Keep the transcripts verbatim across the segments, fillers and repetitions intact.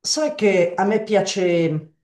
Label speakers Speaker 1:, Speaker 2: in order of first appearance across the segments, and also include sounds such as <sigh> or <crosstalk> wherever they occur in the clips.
Speaker 1: Sai che a me piace,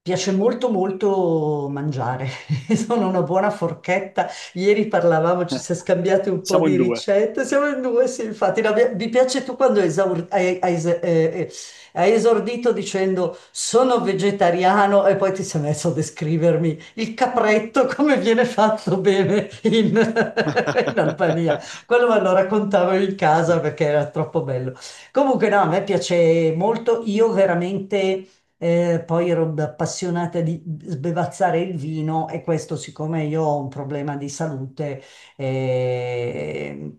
Speaker 1: piace molto molto mangiare, <laughs> sono una buona forchetta. Ieri parlavamo, ci siamo
Speaker 2: <laughs>
Speaker 1: scambiati un po'
Speaker 2: Siamo in
Speaker 1: di
Speaker 2: due.
Speaker 1: ricette, siamo in due, sì, infatti. No, mi mi piace, tu quando esaur- hai, hai es- eh, eh, hai esordito dicendo sono vegetariano e poi ti sei messo a descrivermi il capretto, <laughs> come viene fatto bene in, <laughs> in Albania.
Speaker 2: <laughs>
Speaker 1: Quello me lo raccontavo in casa perché era troppo bello. Comunque no, a me piace molto, io veramente eh, poi ero appassionata di sbevazzare il vino e questo, siccome io ho un problema di salute eh,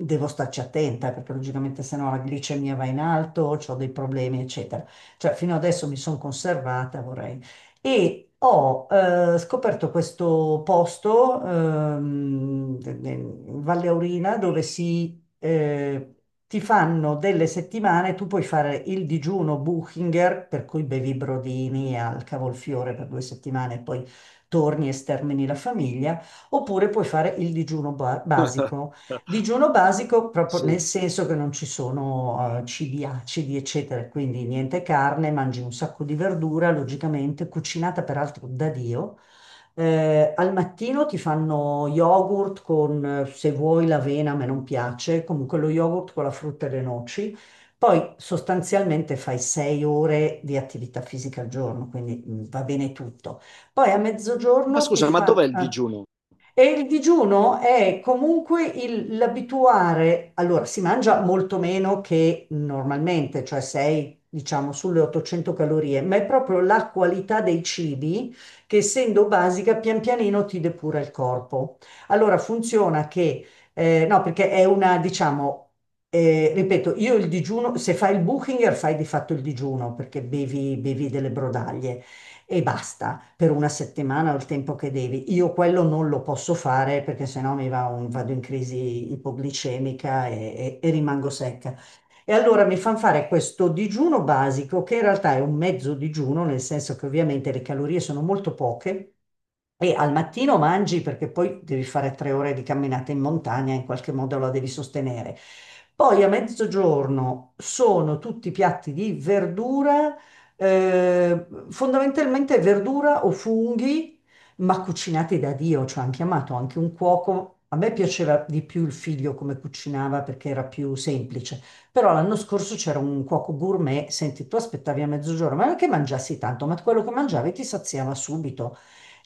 Speaker 1: devo starci attenta perché, logicamente, se no la glicemia va in alto, ho dei problemi eccetera. Cioè, fino adesso mi sono conservata, vorrei, e ho eh, scoperto questo posto ehm, in Valle Aurina, dove si, eh, ti fanno delle settimane. Tu puoi fare il digiuno Buchinger, per cui bevi brodini al cavolfiore per due settimane e poi torni e stermini la famiglia, oppure puoi fare il digiuno ba- basico. Digiuno basico proprio nel
Speaker 2: Sì.
Speaker 1: senso che non ci sono eh, cibi acidi, eccetera, quindi niente carne, mangi un sacco di verdura, logicamente cucinata peraltro da Dio. Eh, al mattino ti fanno yogurt con, eh, se vuoi, l'avena, a me non piace, comunque lo yogurt con la frutta e le noci. Poi sostanzialmente fai sei ore di attività fisica al giorno, quindi mm, va bene tutto. Poi a
Speaker 2: Ma
Speaker 1: mezzogiorno ti
Speaker 2: scusa, ma dov'è
Speaker 1: fanno...
Speaker 2: il digiuno?
Speaker 1: E il digiuno è comunque il- l'abituare. Allora si mangia molto meno che normalmente, cioè sei, diciamo, sulle ottocento calorie, ma è proprio la qualità dei cibi, che essendo basica, pian pianino ti depura il corpo. Allora funziona che, eh, no, perché è una, diciamo, eh, ripeto, io il digiuno, se fai il Buchinger fai di fatto il digiuno, perché bevi bevi delle brodaglie e basta per una settimana o il tempo che devi. Io quello non lo posso fare, perché sennò mi va un- vado in crisi ipoglicemica e, e- e rimango secca. E allora mi fanno fare questo digiuno basico, che in realtà è un mezzo digiuno, nel senso che ovviamente le calorie sono molto poche e al mattino mangi, perché poi devi fare tre ore di camminata in montagna, in qualche modo la devi sostenere. Poi a mezzogiorno sono tutti piatti di verdura, eh, fondamentalmente verdura o funghi, ma cucinati da Dio, cioè hanno chiamato anche un cuoco. A me piaceva di più il figlio come cucinava, perché era più semplice, però l'anno scorso c'era un cuoco gourmet. Senti, tu aspettavi a mezzogiorno, ma non è che mangiassi tanto, ma quello che mangiavi ti saziava subito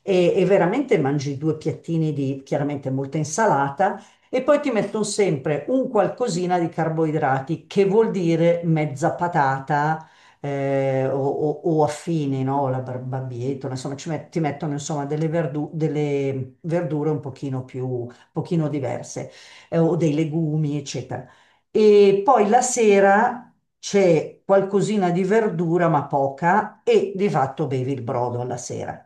Speaker 1: e, e veramente mangi due piattini di, chiaramente, molta insalata, e poi ti mettono sempre un qualcosina di carboidrati, che vuol dire mezza patata eh, o, o- o affini, no? La bar- barbabietola, insomma, ci met- ti mettono, insomma, delle, verdu- delle verdure un pochino più, un pochino diverse, eh, o dei legumi, eccetera. E poi la sera c'è qualcosina di verdura, ma poca, e di fatto bevi il brodo alla sera.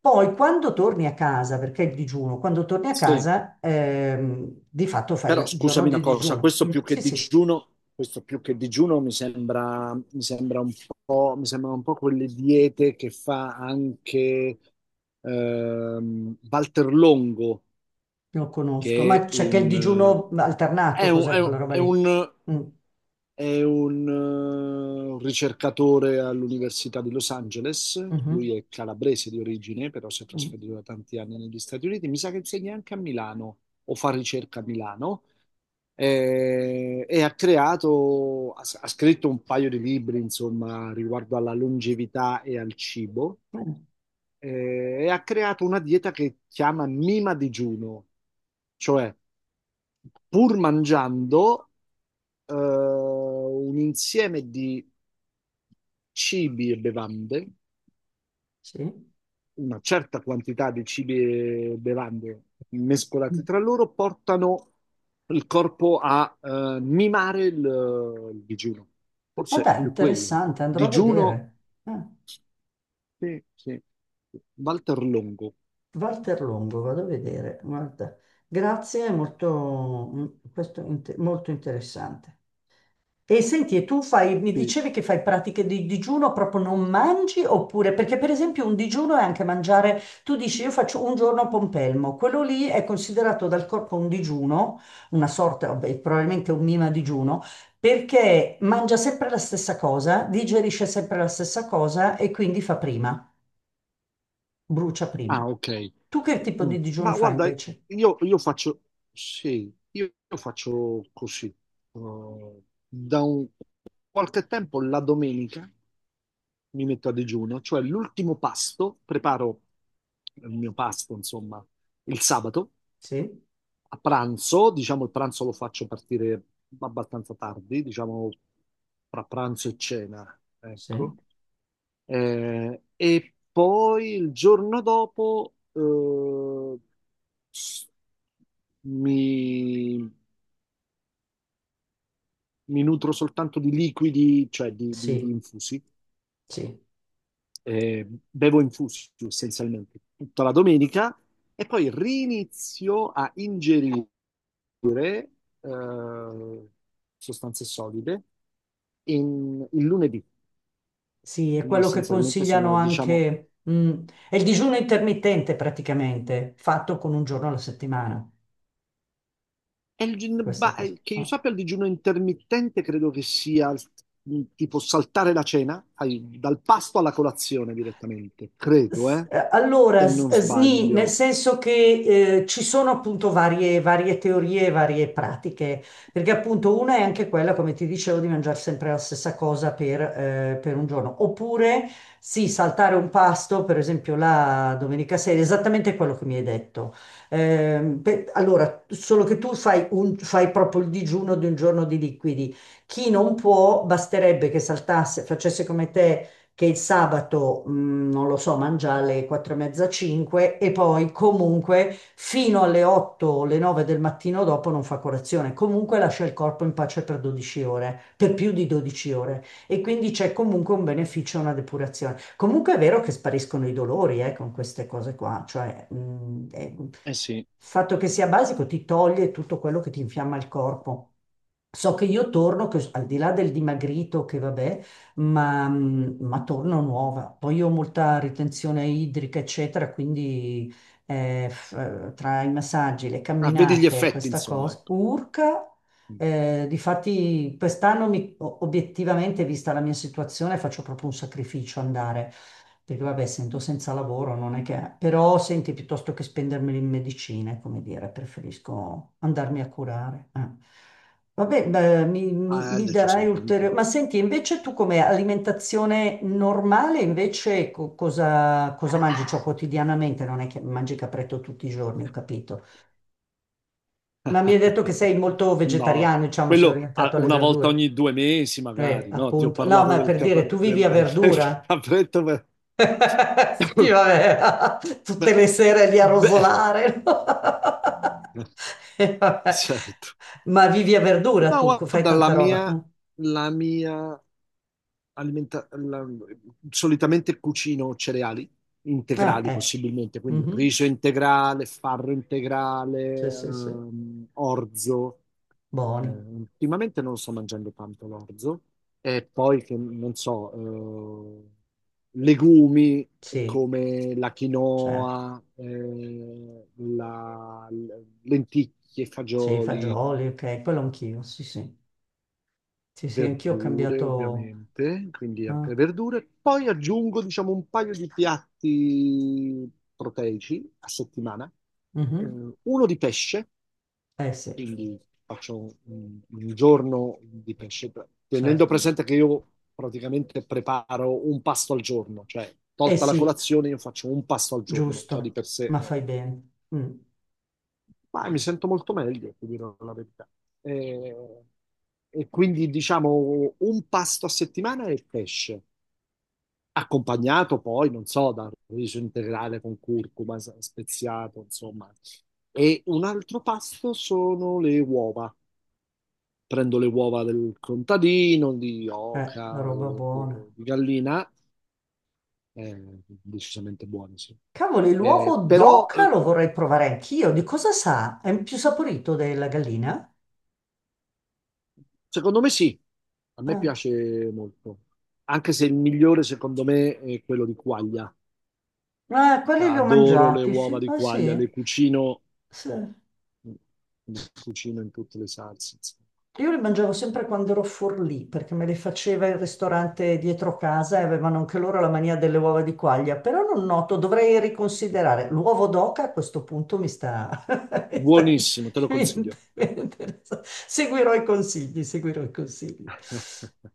Speaker 1: Poi quando torni a casa, perché il digiuno, quando torni a
Speaker 2: Sì.
Speaker 1: casa, ehm, di fatto fai
Speaker 2: Però
Speaker 1: il giorno
Speaker 2: scusami una
Speaker 1: di
Speaker 2: cosa,
Speaker 1: digiuno.
Speaker 2: questo
Speaker 1: Mm.
Speaker 2: più che
Speaker 1: Sì, sì,
Speaker 2: digiuno, questo più che digiuno mi sembra, mi sembra un po', mi sembrano un po' quelle diete che fa anche ehm, Walter Longo,
Speaker 1: lo conosco, ma
Speaker 2: che è
Speaker 1: c'è, che il
Speaker 2: un, eh,
Speaker 1: digiuno
Speaker 2: è
Speaker 1: alternato,
Speaker 2: un, è
Speaker 1: cos'è quella
Speaker 2: un-
Speaker 1: roba
Speaker 2: è
Speaker 1: lì?
Speaker 2: un
Speaker 1: Mm.
Speaker 2: È un eh, ricercatore all'Università di Los Angeles.
Speaker 1: Mhm.
Speaker 2: Lui è calabrese di origine, però si è
Speaker 1: Mm.
Speaker 2: trasferito da tanti anni negli Stati Uniti, mi sa che insegna anche a Milano o fa ricerca a Milano. Eh, e ha creato, ha, ha scritto un paio di libri, insomma, riguardo alla longevità e al cibo.
Speaker 1: Eh,
Speaker 2: Eh, e ha creato una dieta che chiama Mima digiuno, cioè pur mangiando eh, un insieme di cibi e bevande,
Speaker 1: sì.
Speaker 2: una certa quantità di cibi e bevande mescolati
Speaker 1: Mm.
Speaker 2: tra loro, portano il corpo a eh, mimare il, il digiuno.
Speaker 1: Ma
Speaker 2: Forse è
Speaker 1: dai,
Speaker 2: più quello. che-
Speaker 1: interessante, andrò a
Speaker 2: Digiuno,
Speaker 1: vedere. Ah,
Speaker 2: sì, sì. Walter Longo.
Speaker 1: Walter Longo, vado a vedere, guarda. Grazie, è molto, mm, questo è inte- molto interessante. E senti, e tu fai, mi
Speaker 2: Sì.
Speaker 1: dicevi che fai pratiche di digiuno, proprio non mangi oppure, perché per esempio un digiuno è anche mangiare, tu dici io faccio un giorno a pompelmo, quello lì è considerato dal corpo un digiuno, una sorta, vabbè, probabilmente un mima digiuno, perché mangia sempre la stessa cosa, digerisce sempre la stessa cosa e quindi fa prima, brucia prima.
Speaker 2: Ah, ok.
Speaker 1: Tu che tipo
Speaker 2: Mm.
Speaker 1: di digiuno
Speaker 2: Ma
Speaker 1: fai,
Speaker 2: guarda,
Speaker 1: invece?
Speaker 2: io, io faccio, sì, io, io faccio così. Eh, da un- qualche tempo la domenica mi metto a digiuno, cioè l'ultimo pasto, preparo il mio pasto, insomma, il sabato
Speaker 1: Sì,
Speaker 2: a pranzo, diciamo il pranzo lo faccio partire abbastanza tardi, diciamo tra pranzo e cena, ecco.
Speaker 1: sì,
Speaker 2: Eh, e poi il giorno dopo eh, s- mi, mi nutro soltanto di liquidi, cioè di, di- di
Speaker 1: sì,
Speaker 2: infusi.
Speaker 1: sì.
Speaker 2: Eh, bevo infusi essenzialmente tutta la domenica e poi rinizio a ingerire eh, sostanze solide in- il lunedì.
Speaker 1: Sì, è
Speaker 2: Quindi
Speaker 1: quello che
Speaker 2: essenzialmente
Speaker 1: consigliano
Speaker 2: sono, diciamo,
Speaker 1: anche, mm, è il digiuno intermittente praticamente, fatto con un giorno alla settimana,
Speaker 2: è il gin-
Speaker 1: questa
Speaker 2: ba-
Speaker 1: cosa,
Speaker 2: eh, che io
Speaker 1: no?
Speaker 2: sappia il digiuno intermittente credo che sia il- tipo saltare la cena, fai dal pasto alla colazione direttamente, credo,
Speaker 1: S-
Speaker 2: eh,
Speaker 1: eh, Allora,
Speaker 2: se
Speaker 1: s-
Speaker 2: non
Speaker 1: SNI, nel
Speaker 2: sbaglio.
Speaker 1: senso che eh, ci sono, appunto, varie, varie teorie, varie pratiche, perché appunto una è anche quella, come ti dicevo, di mangiare sempre la stessa cosa per, eh, per un giorno. Oppure sì, saltare un pasto, per esempio la domenica sera, esattamente quello che mi hai detto. Ehm, per- allora, solo che tu fai, un- fai proprio il digiuno di un giorno di liquidi. Chi non può, basterebbe che saltasse, facesse come te, che il sabato, mh, non lo so, mangia alle quattro e mezza, cinque, e poi comunque fino alle otto o alle nove del mattino dopo non fa colazione, comunque lascia il corpo in pace per dodici ore, per più di dodici ore, e quindi c'è comunque un beneficio, una depurazione. Comunque è vero che spariscono i dolori eh, con queste cose qua, cioè, mh, è- il
Speaker 2: Eh sì,
Speaker 1: fatto che sia basico ti toglie tutto quello che ti infiamma il corpo. So che io torno, che al di là del dimagrito, che vabbè, ma, mm, ma torno nuova. Poi io ho molta ritenzione idrica, eccetera, quindi eh, f- eh, tra i massaggi, le
Speaker 2: ah, vedi gli
Speaker 1: camminate,
Speaker 2: effetti,
Speaker 1: questa
Speaker 2: insomma,
Speaker 1: cosa,
Speaker 2: ecco.
Speaker 1: urca. Eh, difatti quest'anno mi- o- obiettivamente, vista la mia situazione, faccio proprio un sacrificio andare. Dico, vabbè, essendo senza lavoro non è che... Però senti, piuttosto che spendermeli in medicine, come dire, preferisco andarmi a curare. eh. Vabbè, beh, mi, mi-
Speaker 2: Ah,
Speaker 1: mi darai ulteriore...
Speaker 2: decisamente.
Speaker 1: Ma senti, invece, tu come alimentazione normale, invece co- cosa, cosa, mangi? Cioè, quotidianamente, non è che mangi capretto tutti i giorni, ho capito. Ma mi hai detto che sei
Speaker 2: <laughs>
Speaker 1: molto
Speaker 2: No,
Speaker 1: vegetariano, diciamo, sei
Speaker 2: quello ah,
Speaker 1: orientato alle
Speaker 2: una volta
Speaker 1: verdure.
Speaker 2: ogni due mesi
Speaker 1: Eh,
Speaker 2: magari, no? Ti ho
Speaker 1: appunto. No,
Speaker 2: parlato
Speaker 1: ma
Speaker 2: del,
Speaker 1: per
Speaker 2: cap-
Speaker 1: dire, tu vivi a
Speaker 2: del- <laughs> del
Speaker 1: verdura?
Speaker 2: capretto per...
Speaker 1: <laughs> Sì,
Speaker 2: <coughs>
Speaker 1: vabbè, <laughs> tutte
Speaker 2: Beh,
Speaker 1: le sere lì a
Speaker 2: beh,
Speaker 1: rosolare, no? <laughs> E
Speaker 2: <laughs>
Speaker 1: vabbè.
Speaker 2: certo.
Speaker 1: Ma vivi a verdura
Speaker 2: No,
Speaker 1: tu, co- fai
Speaker 2: guarda, la
Speaker 1: tanta roba,
Speaker 2: mia,
Speaker 1: no?
Speaker 2: la mia alimenta- la- solitamente cucino cereali
Speaker 1: Ah,
Speaker 2: integrali
Speaker 1: ecco.
Speaker 2: possibilmente, quindi
Speaker 1: Mhm.
Speaker 2: riso integrale, farro integrale,
Speaker 1: Sì, sì, sì.
Speaker 2: ehm, orzo. Eh,
Speaker 1: Buoni.
Speaker 2: ultimamente non sto mangiando tanto l'orzo e poi che non so, eh, legumi
Speaker 1: Sì,
Speaker 2: come la
Speaker 1: certo.
Speaker 2: quinoa, eh, la- l- lenticchie,
Speaker 1: Sì,
Speaker 2: fagioli,
Speaker 1: fagioli, ok, quello anch'io. Sì, sì. Sì, sì, anch'io ho
Speaker 2: verdure
Speaker 1: cambiato.
Speaker 2: ovviamente, quindi
Speaker 1: Ah,
Speaker 2: altre verdure. Poi aggiungo, diciamo, un paio di piatti proteici a settimana, eh,
Speaker 1: mhm.
Speaker 2: uno di pesce,
Speaker 1: Eh sì,
Speaker 2: quindi faccio un, un giorno di pesce, tenendo
Speaker 1: certo.
Speaker 2: presente che io praticamente preparo un pasto al giorno, cioè
Speaker 1: Eh
Speaker 2: tolta la
Speaker 1: sì,
Speaker 2: colazione io faccio un pasto al giorno, già di
Speaker 1: giusto,
Speaker 2: per sé
Speaker 1: ma
Speaker 2: è
Speaker 1: fai bene. Mm.
Speaker 2: ma mi sento molto meglio, ti dirò la verità. E, e quindi diciamo un pasto a settimana è il pesce, accompagnato poi, non so, da riso integrale con curcuma s- speziato, insomma. E un altro pasto sono le uova. Prendo le uova del contadino, di
Speaker 1: Eh, la
Speaker 2: oca
Speaker 1: roba
Speaker 2: o, o-
Speaker 1: buona.
Speaker 2: o di gallina, eh, decisamente buone, sì.
Speaker 1: Cavoli, l'uovo
Speaker 2: Eh, però
Speaker 1: d'oca
Speaker 2: eh,
Speaker 1: lo vorrei provare anch'io. Di cosa sa? È più saporito della gallina?
Speaker 2: Secondo me sì, a me
Speaker 1: Ah,
Speaker 2: piace molto, anche se il migliore secondo me è quello di quaglia.
Speaker 1: eh,
Speaker 2: Cioè,
Speaker 1: quelli li ho
Speaker 2: adoro le
Speaker 1: mangiati,
Speaker 2: uova
Speaker 1: sì.
Speaker 2: di
Speaker 1: Ah,
Speaker 2: quaglia, le
Speaker 1: sì.
Speaker 2: cucino,
Speaker 1: Sì.
Speaker 2: le cucino in tutte le salse, insomma.
Speaker 1: Io li mangiavo sempre quando ero Forlì, perché me li faceva il ristorante dietro casa e avevano anche loro la mania delle uova di quaglia. Però non noto, dovrei riconsiderare. L'uovo d'oca, a questo punto, mi sta... <laughs> mi sta-
Speaker 2: Buonissimo, te lo
Speaker 1: mi inter-
Speaker 2: consiglio.
Speaker 1: mi interessa. Seguirò i consigli, seguirò i consigli.
Speaker 2: <laughs>